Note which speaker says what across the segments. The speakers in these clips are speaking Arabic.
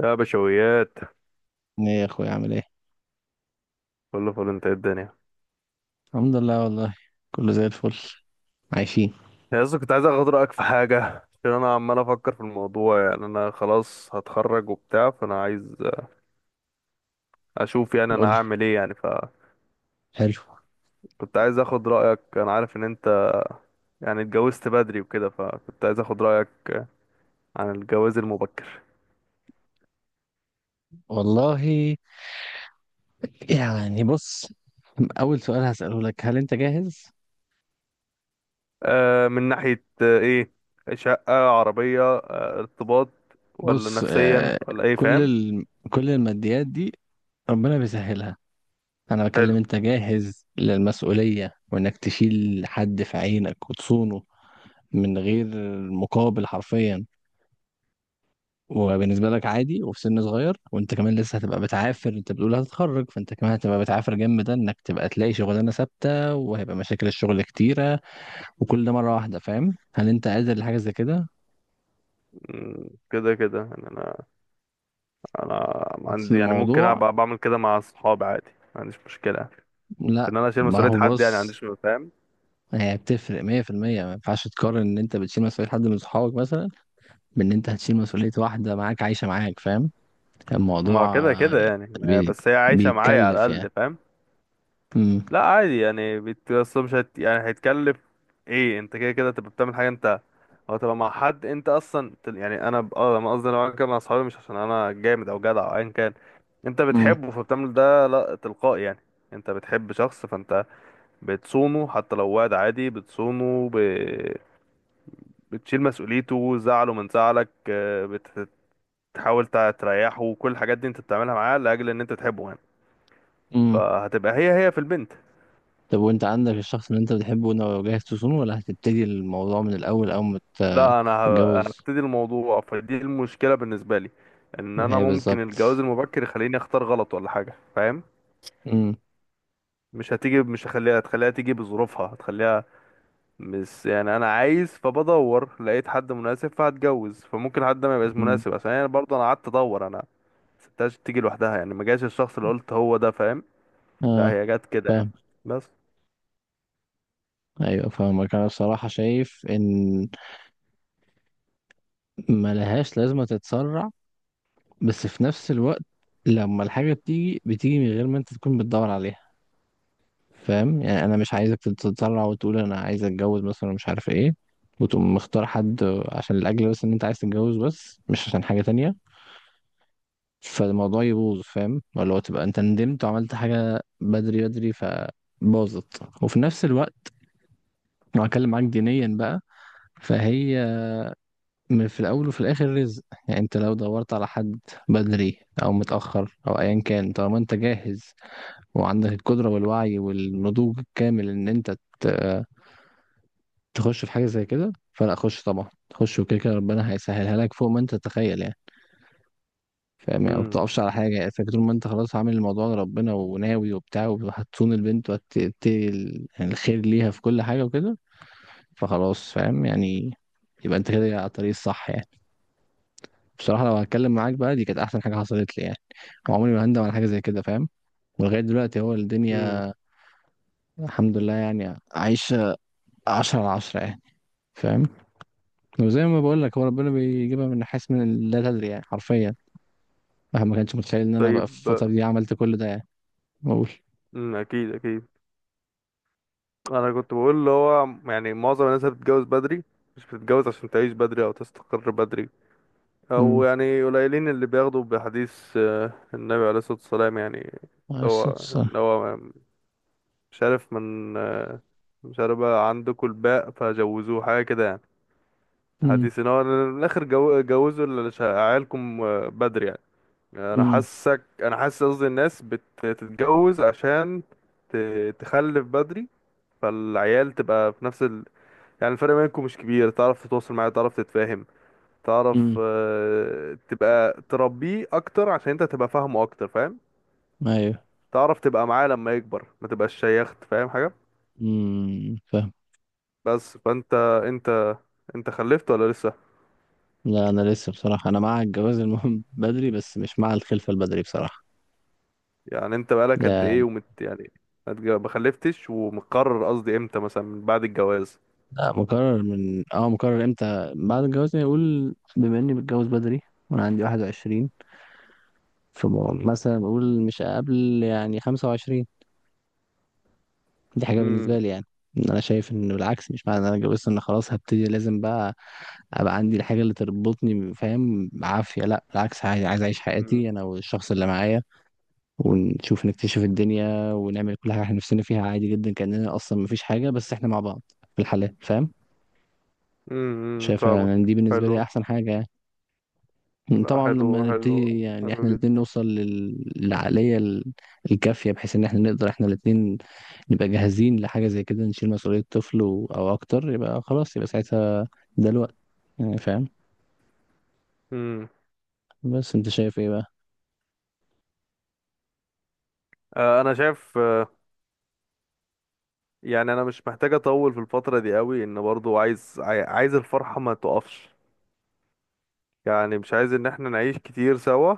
Speaker 1: يا بشويات،
Speaker 2: ايه يا اخويا، عامل ايه؟
Speaker 1: كله فل. انت ايه الدنيا؟
Speaker 2: الحمد لله والله، كله زي الفل. عايشين.
Speaker 1: يا اسطى، كنت عايز اخد رايك في حاجه. عشان انا عمال افكر في الموضوع، يعني انا خلاص هتخرج وبتاع، فانا عايز اشوف يعني انا
Speaker 2: قول لي.
Speaker 1: هعمل ايه يعني. فكنت
Speaker 2: حلو.
Speaker 1: عايز اخد رايك، انا عارف ان انت يعني اتجوزت بدري وكده، فكنت عايز اخد رايك عن الجواز المبكر.
Speaker 2: والله يعني بص، اول سؤال هسأله لك، هل انت جاهز؟
Speaker 1: آه، من ناحيه ايه، شقه، عربيه، ارتباط، ولا
Speaker 2: بص،
Speaker 1: نفسيا، ولا ايه؟
Speaker 2: كل
Speaker 1: فاهم؟
Speaker 2: ال... كل الماديات دي ربنا بيسهلها. انا بكلم
Speaker 1: حلو.
Speaker 2: انت جاهز للمسؤولية، وانك تشيل حد في عينك وتصونه من غير مقابل، حرفيا. وبالنسبة لك عادي، وفي سن صغير، وانت كمان لسه هتبقى بتعافر، انت بتقول هتتخرج فانت كمان هتبقى بتعافر. جنب ده، انك تبقى تلاقي شغلانة ثابتة، وهيبقى مشاكل الشغل كتيرة، وكل ده مرة واحدة. فاهم؟ هل انت قادر لحاجة زي كده؟
Speaker 1: كده كده يعني. انا
Speaker 2: اصل
Speaker 1: عندي يعني ممكن
Speaker 2: الموضوع...
Speaker 1: أبقى بعمل كده مع اصحابي عادي، ما عنديش مشكله في
Speaker 2: لا
Speaker 1: ان انا اشيل
Speaker 2: ما
Speaker 1: مسؤوليه
Speaker 2: هو
Speaker 1: حد يعني. ما
Speaker 2: بص،
Speaker 1: عنديش، فاهم؟
Speaker 2: هي بتفرق 100%. ما ينفعش تقارن ان انت بتشيل مسؤولية حد من صحابك مثلا بان انت هتشيل مسؤولية واحدة معاك عايشة معاك. فاهم؟
Speaker 1: ما هو
Speaker 2: الموضوع
Speaker 1: كده كده يعني،
Speaker 2: بي...
Speaker 1: بس هي عايشه معايا على
Speaker 2: بيتكلف
Speaker 1: الاقل،
Speaker 2: يعني.
Speaker 1: فاهم؟
Speaker 2: امم.
Speaker 1: لا عادي يعني، أصل مش يعني هيتكلف. ايه، انت كده كده تبقى بتعمل حاجه انت، او تبقى مع حد انت اصلا يعني. انا انا قصدي لو انا كده مع اصحابي، مش عشان انا جامد او جدع او ايا كان. انت
Speaker 2: امم.
Speaker 1: بتحبه، فبتعمل ده لا تلقائي يعني. انت بتحب شخص، فانت بتصونه. حتى لو واد عادي بتصونه، بتشيل مسؤوليته، زعله من زعلك. بتحاول تريحه، كل الحاجات دي انت بتعملها معاه لاجل ان انت تحبه يعني.
Speaker 2: امم.
Speaker 1: فهتبقى هي هي في البنت.
Speaker 2: طب، وانت عندك الشخص اللي انت بتحبه ده، جاهز تصونه ولا هتبتدي الموضوع من الاول، اول ما
Speaker 1: لا انا
Speaker 2: تتجوز؟
Speaker 1: هبتدي الموضوع، فدي المشكله بالنسبه لي. ان
Speaker 2: ما
Speaker 1: انا
Speaker 2: هي
Speaker 1: ممكن
Speaker 2: بالظبط.
Speaker 1: الجواز المبكر يخليني اختار غلط ولا حاجه، فاهم؟
Speaker 2: امم.
Speaker 1: مش هتيجي، مش هخليها، هتخليها تيجي بظروفها، هتخليها مش يعني انا عايز فبدور لقيت حد مناسب فهتجوز، فممكن حد ما يبقاش
Speaker 2: امم.
Speaker 1: مناسب. عشان يعني برضه انا قعدت ادور، انا ما سبتهاش تيجي لوحدها يعني، ما جاش الشخص اللي قلت هو ده، فاهم؟ لا
Speaker 2: اه
Speaker 1: هي جت كده يعني
Speaker 2: فاهم.
Speaker 1: بس.
Speaker 2: ايوه فاهمك. انا بصراحه شايف ان ما لهاش لازمه تتسرع، بس في نفس الوقت لما الحاجه بتيجي، بتيجي من غير ما انت تكون بتدور عليها. فاهم يعني؟ انا مش عايزك تتسرع وتقول انا عايز اتجوز مثلا، مش عارف ايه، وتقوم مختار حد عشان الاجل، بس ان انت عايز تتجوز بس مش عشان حاجه تانية، فالموضوع يبوظ. فاهم؟ ولا هو تبقى انت ندمت وعملت حاجة بدري بدري فباظت. وفي نفس الوقت، لو هتكلم معاك دينيا بقى، فهي من في الاول وفي الاخر رزق. يعني انت لو دورت على حد بدري او متاخر او ايا كان، طالما انت جاهز وعندك القدره والوعي والنضوج الكامل ان انت تخش في حاجه زي كده، فلا، خش طبعا. خش، وكده كده ربنا هيسهلها لك فوق ما انت تتخيل يعني. فاهم يعني؟ ما
Speaker 1: امم.
Speaker 2: بتقفش على حاجة، يعني فاكر طول ما انت خلاص عامل الموضوع لربنا وناوي وبتاع، وهتصون البنت، وهتبتدي يعني الخير ليها في كل حاجة وكده، فخلاص. فاهم يعني؟ يبقى انت كده على الطريق الصح يعني. بصراحة لو هتكلم معاك بقى، دي كانت أحسن حاجة حصلت لي يعني، وعمري ما هندم على حاجة زي كده. فاهم؟ ولغاية دلوقتي هو
Speaker 1: امم.
Speaker 2: الدنيا الحمد لله، يعني عايشة عشرة على عشرة يعني. فاهم؟ وزي ما بقول لك، هو ربنا بيجيبها من حيث من لا تدري، يعني حرفيا. الواحد ما كانش متخيل ان انا بقى في
Speaker 1: طيب.
Speaker 2: الفترة دي عملت كل ده يعني. بقول.
Speaker 1: امم، اكيد اكيد. انا كنت بقول اللي هو، يعني معظم الناس اللي بتتجوز بدري، مش بتتجوز عشان تعيش بدري او تستقر بدري، او
Speaker 2: امم.
Speaker 1: يعني قليلين اللي بياخدوا بحديث النبي عليه الصلاة والسلام يعني.
Speaker 2: على
Speaker 1: اللي هو
Speaker 2: الصوت الصح.
Speaker 1: اللي هو مش عارف من مش عارف بقى عندكم الباء فجوزوه حاجة كده يعني.
Speaker 2: امم.
Speaker 1: حديث ان هو من الاخر جوزوا عيالكم بدري يعني.
Speaker 2: امم.
Speaker 1: انا حاسس قصدي الناس بتتجوز عشان تخلف بدري. فالعيال تبقى في نفس يعني الفرق بينكم مش كبير، تعرف تتواصل معاه، تعرف تتفاهم، تعرف
Speaker 2: امم.
Speaker 1: تبقى تربيه اكتر عشان انت تبقى فاهمه اكتر، فاهم؟
Speaker 2: ايوه.
Speaker 1: تعرف تبقى معاه لما يكبر، ما تبقاش شيخت، فاهم حاجة؟
Speaker 2: فاهم.
Speaker 1: بس، فانت انت انت خلفت ولا لسه؟
Speaker 2: لا، انا لسه بصراحه انا مع الجواز المهم بدري، بس مش مع الخلفه البدري بصراحه
Speaker 1: يعني انت بقالك قد ايه
Speaker 2: يعني.
Speaker 1: ومت يعني؟ ما خلفتش، ومقرر قصدي امتى مثلا من بعد الجواز؟
Speaker 2: لا، مقرر. من اه مقرر امتى بعد الجواز يعني. اقول بما اني بتجوز بدري وانا عندي 21، فمثلا بقول مش قبل يعني 25. دي حاجة بالنسبة
Speaker 1: امم.
Speaker 2: لي يعني. إن أنا شايف إنه العكس، مش معنى إن أنا اتجوزت إن خلاص هبتدي لازم بقى أبقى عندي الحاجة اللي تربطني. فاهم؟ عافية، لأ بالعكس، عايز عايز أعيش حياتي أنا والشخص اللي معايا، ونشوف، نكتشف الدنيا، ونعمل كل حاجة إحنا نفسنا فيها، عادي جدا، كأننا أصلا مفيش حاجة بس إحنا مع بعض في الحالات. فاهم؟
Speaker 1: امم.
Speaker 2: شايفها
Speaker 1: فاهمك.
Speaker 2: إن دي بالنسبة لي
Speaker 1: حلو.
Speaker 2: أحسن حاجة يعني.
Speaker 1: لا،
Speaker 2: طبعا
Speaker 1: حلو
Speaker 2: لما نبتدي،
Speaker 1: حلو
Speaker 2: يعني
Speaker 1: حلو
Speaker 2: احنا الاتنين
Speaker 1: جدا.
Speaker 2: نوصل الكافية، بحيث ان احنا نقدر احنا الاتنين نبقى جاهزين لحاجة زي كده، نشيل مسؤولية طفل او اكتر، يبقى خلاص، يبقى ساعتها ده الوقت يعني. فاهم؟
Speaker 1: امم.
Speaker 2: بس انت شايف ايه بقى؟
Speaker 1: آه، انا شايف. يعني انا مش محتاج اطول في الفتره دي قوي، ان برضو عايز عايز الفرحه ما تقفش. يعني مش عايز ان احنا نعيش كتير سوا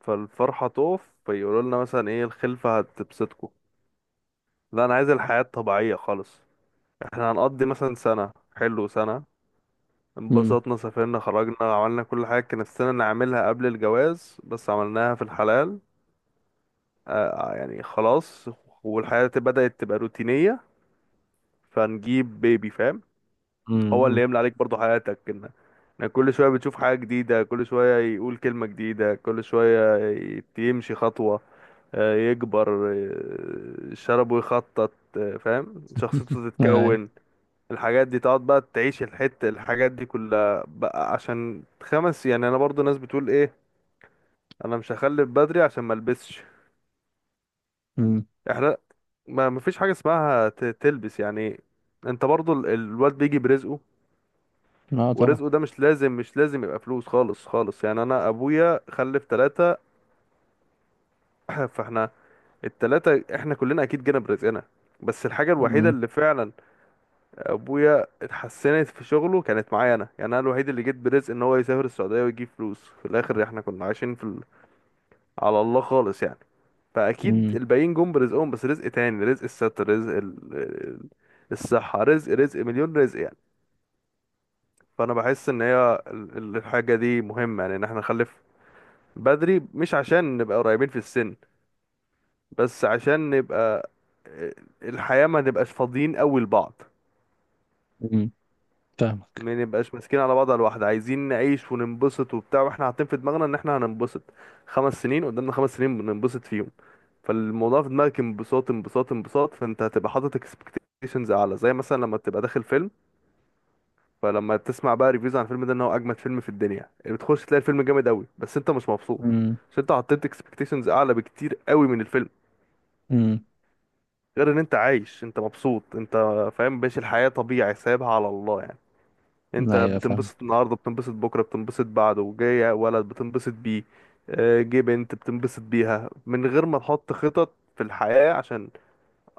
Speaker 1: فالفرحه تقف، فيقولوا لنا مثلا ايه، الخلفه هتبسطكم؟ لا انا عايز الحياه الطبيعيه خالص. احنا هنقضي مثلا سنه، حلو، سنه
Speaker 2: امم.
Speaker 1: انبسطنا، سافرنا، خرجنا، عملنا كل حاجه كان نفسنا نعملها قبل الجواز بس عملناها في الحلال. يعني خلاص، والحياة بدأت تبقى روتينية، فنجيب بيبي، فاهم؟ هو اللي
Speaker 2: امم.
Speaker 1: يملى عليك برضو حياتك، ان انك كل شوية بتشوف حاجة جديدة، كل شوية يقول كلمة جديدة، كل شوية يمشي خطوة، يكبر، شربه، يخطط، فاهم، شخصيته
Speaker 2: ايوه.
Speaker 1: تتكون. الحاجات دي تقعد بقى تعيش الحتة، الحاجات دي كلها بقى. عشان خمس يعني، انا برضو ناس بتقول ايه، انا مش هخلف بدري عشان ملبسش.
Speaker 2: امم.
Speaker 1: احنا، ما مفيش حاجة اسمها تلبس يعني. انت برضو الواد بيجي برزقه.
Speaker 2: اه طبعا.
Speaker 1: ورزقه ده مش لازم مش لازم يبقى فلوس، خالص خالص يعني. انا ابويا خلف ثلاثة. فاحنا التلاتة، احنا كلنا اكيد جينا برزقنا. بس الحاجة الوحيدة
Speaker 2: امم
Speaker 1: اللي فعلا ابويا اتحسنت في شغله كانت معايا انا يعني، انا الوحيد اللي جيت برزق ان هو يسافر السعودية ويجيب فلوس. في الاخر احنا كنا عايشين في على الله خالص يعني. فاكيد
Speaker 2: امم.
Speaker 1: الباقيين جم برزقهم بس رزق تاني، رزق الستر، رزق الصحة، رزق، رزق مليون رزق يعني. فانا بحس ان هي الحاجة دي مهمة يعني، ان احنا نخلف بدري مش عشان نبقى قريبين في السن، بس عشان نبقى آه، الحياة ما نبقاش فاضيين قوي لبعض.
Speaker 2: امم فاهمك.
Speaker 1: ما نبقاش ماسكين على بعض على الواحدة. عايزين نعيش وننبسط وبتاع، واحنا حاطين في دماغنا ان احنا هننبسط. 5 سنين قدامنا، 5 سنين بننبسط فيهم. فالموضوع في دماغك انبساط، انبساط، انبساط. فانت هتبقى حاطط اكسبكتيشنز اعلى، زي مثلا لما تبقى داخل فيلم. فلما تسمع بقى ريفيوز عن الفيلم ده ان هو اجمد فيلم في الدنيا، اللي بتخش تلاقي الفيلم جامد قوي بس انت مش مبسوط،
Speaker 2: امم.
Speaker 1: عشان انت حطيت اكسبكتيشنز اعلى بكتير قوي من الفيلم.
Speaker 2: امم.
Speaker 1: غير ان انت عايش، انت مبسوط، انت فاهم، ماشي الحياة طبيعي سايبها على الله يعني. انت
Speaker 2: ايوه فاهم.
Speaker 1: بتنبسط النهارده، بتنبسط بكره، بتنبسط بعده. جاي ولد بتنبسط بيه، جه بنت بتنبسط بيها، من غير ما تحط خطط في الحياة. عشان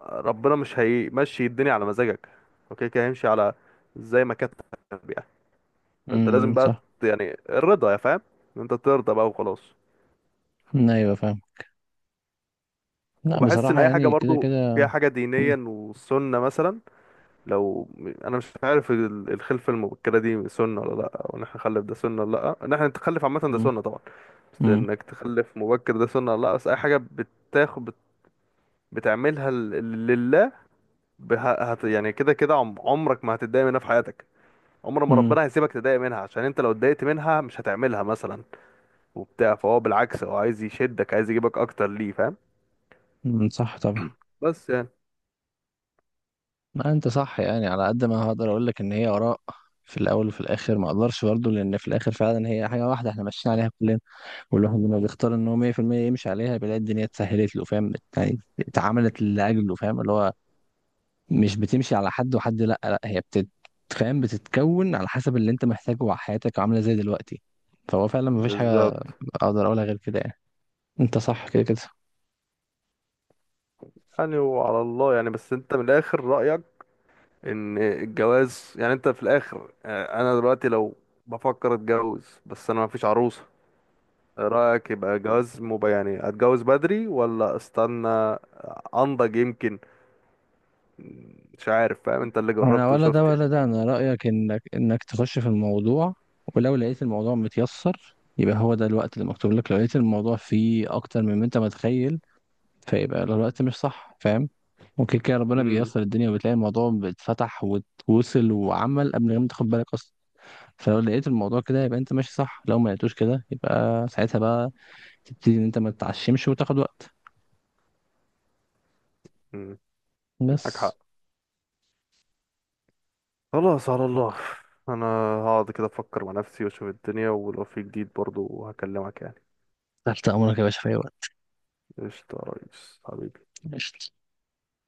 Speaker 1: ربنا مش هيمشي الدنيا على مزاجك. اوكي كده هيمشي على زي ما كانت يعني. فانت لازم بقى
Speaker 2: صح.
Speaker 1: يعني الرضا، يا فاهم، ان انت ترضى بقى وخلاص.
Speaker 2: ايوه فاهم. لا
Speaker 1: وبحس ان
Speaker 2: بصراحة
Speaker 1: اي حاجه
Speaker 2: يعني كده
Speaker 1: برضو
Speaker 2: كده.
Speaker 1: فيها حاجه دينيا
Speaker 2: امم.
Speaker 1: وسنه مثلا. لو انا مش عارف الخلفه المبكره دي سنه ولا لا، وان احنا نخلف ده سنه ولا لا، ان احنا نتخلف عامه ده سنه طبعا، بس
Speaker 2: امم.
Speaker 1: انك تخلف مبكر ده سنه ولا لا. بس اي حاجه بتاخد بتعملها لله. بها يعني كده كده عمرك ما هتتضايق منها في حياتك. عمر ما
Speaker 2: امم.
Speaker 1: ربنا هيسيبك تضايق منها، عشان انت لو اتضايقت منها مش هتعملها مثلا وبتاع. فهو بالعكس، هو عايز يشدك، عايز يجيبك اكتر ليه، فاهم؟
Speaker 2: مم، صح طبعا.
Speaker 1: بس يعني.
Speaker 2: ما انت صح يعني. على قد ما هقدر اقول لك ان هي اراء في الاول وفي الاخر، ما اقدرش برضه، لان في الاخر فعلا هي حاجه واحده احنا ماشيين عليها كلنا. والواحد لما بيختار ان هو 100% يمشي عليها، بيلاقي الدنيا اتسهلت له. فاهم يعني؟ اتعملت لاجله. فاهم اللي هو مش بتمشي على حد وحد، لا لا، هي فاهم، بتتكون على حسب اللي انت محتاجه وحياتك عامله ازاي دلوقتي. فهو فعلا ما فيش حاجه
Speaker 1: بالظبط
Speaker 2: اقدر اقولها غير كده يعني. انت صح كده كده.
Speaker 1: يعني، وعلى الله يعني. بس انت من الاخر، رأيك ان الجواز يعني انت في الاخر. انا دلوقتي لو بفكر اتجوز بس انا مفيش عروسة. رأيك، يبقى جواز يعني اتجوز بدري ولا استنى انضج يمكن؟ مش عارف، فاهم؟ انت اللي
Speaker 2: انا
Speaker 1: جربته
Speaker 2: ولا ده
Speaker 1: وشفت يعني.
Speaker 2: ولا ده. انا رايك انك تخش في الموضوع، ولو لقيت الموضوع متيسر يبقى هو ده الوقت اللي مكتوب لك. لو لقيت الموضوع فيه اكتر من ما انت متخيل، فيبقى الوقت مش صح. فاهم؟ ممكن كده ربنا
Speaker 1: امم.
Speaker 2: بييسر الدنيا، وبتلاقي الموضوع اتفتح واتوصل وعمل قبل ما تاخد بالك اصلا. فلو لقيت الموضوع كده يبقى انت ماشي صح، لو ما لقيتوش كده يبقى ساعتها بقى تبتدي ان انت ما تتعشمش وتاخد وقت،
Speaker 1: امم. معاك
Speaker 2: بس.
Speaker 1: حق. خلاص، على الله. انا هقعد كده افكر مع نفسي واشوف الدنيا ولو في جديد برضو هكلمك يعني.
Speaker 2: تحت امرك يا باشا في اي
Speaker 1: قشطة يا ريس، حبيبي.
Speaker 2: وقت.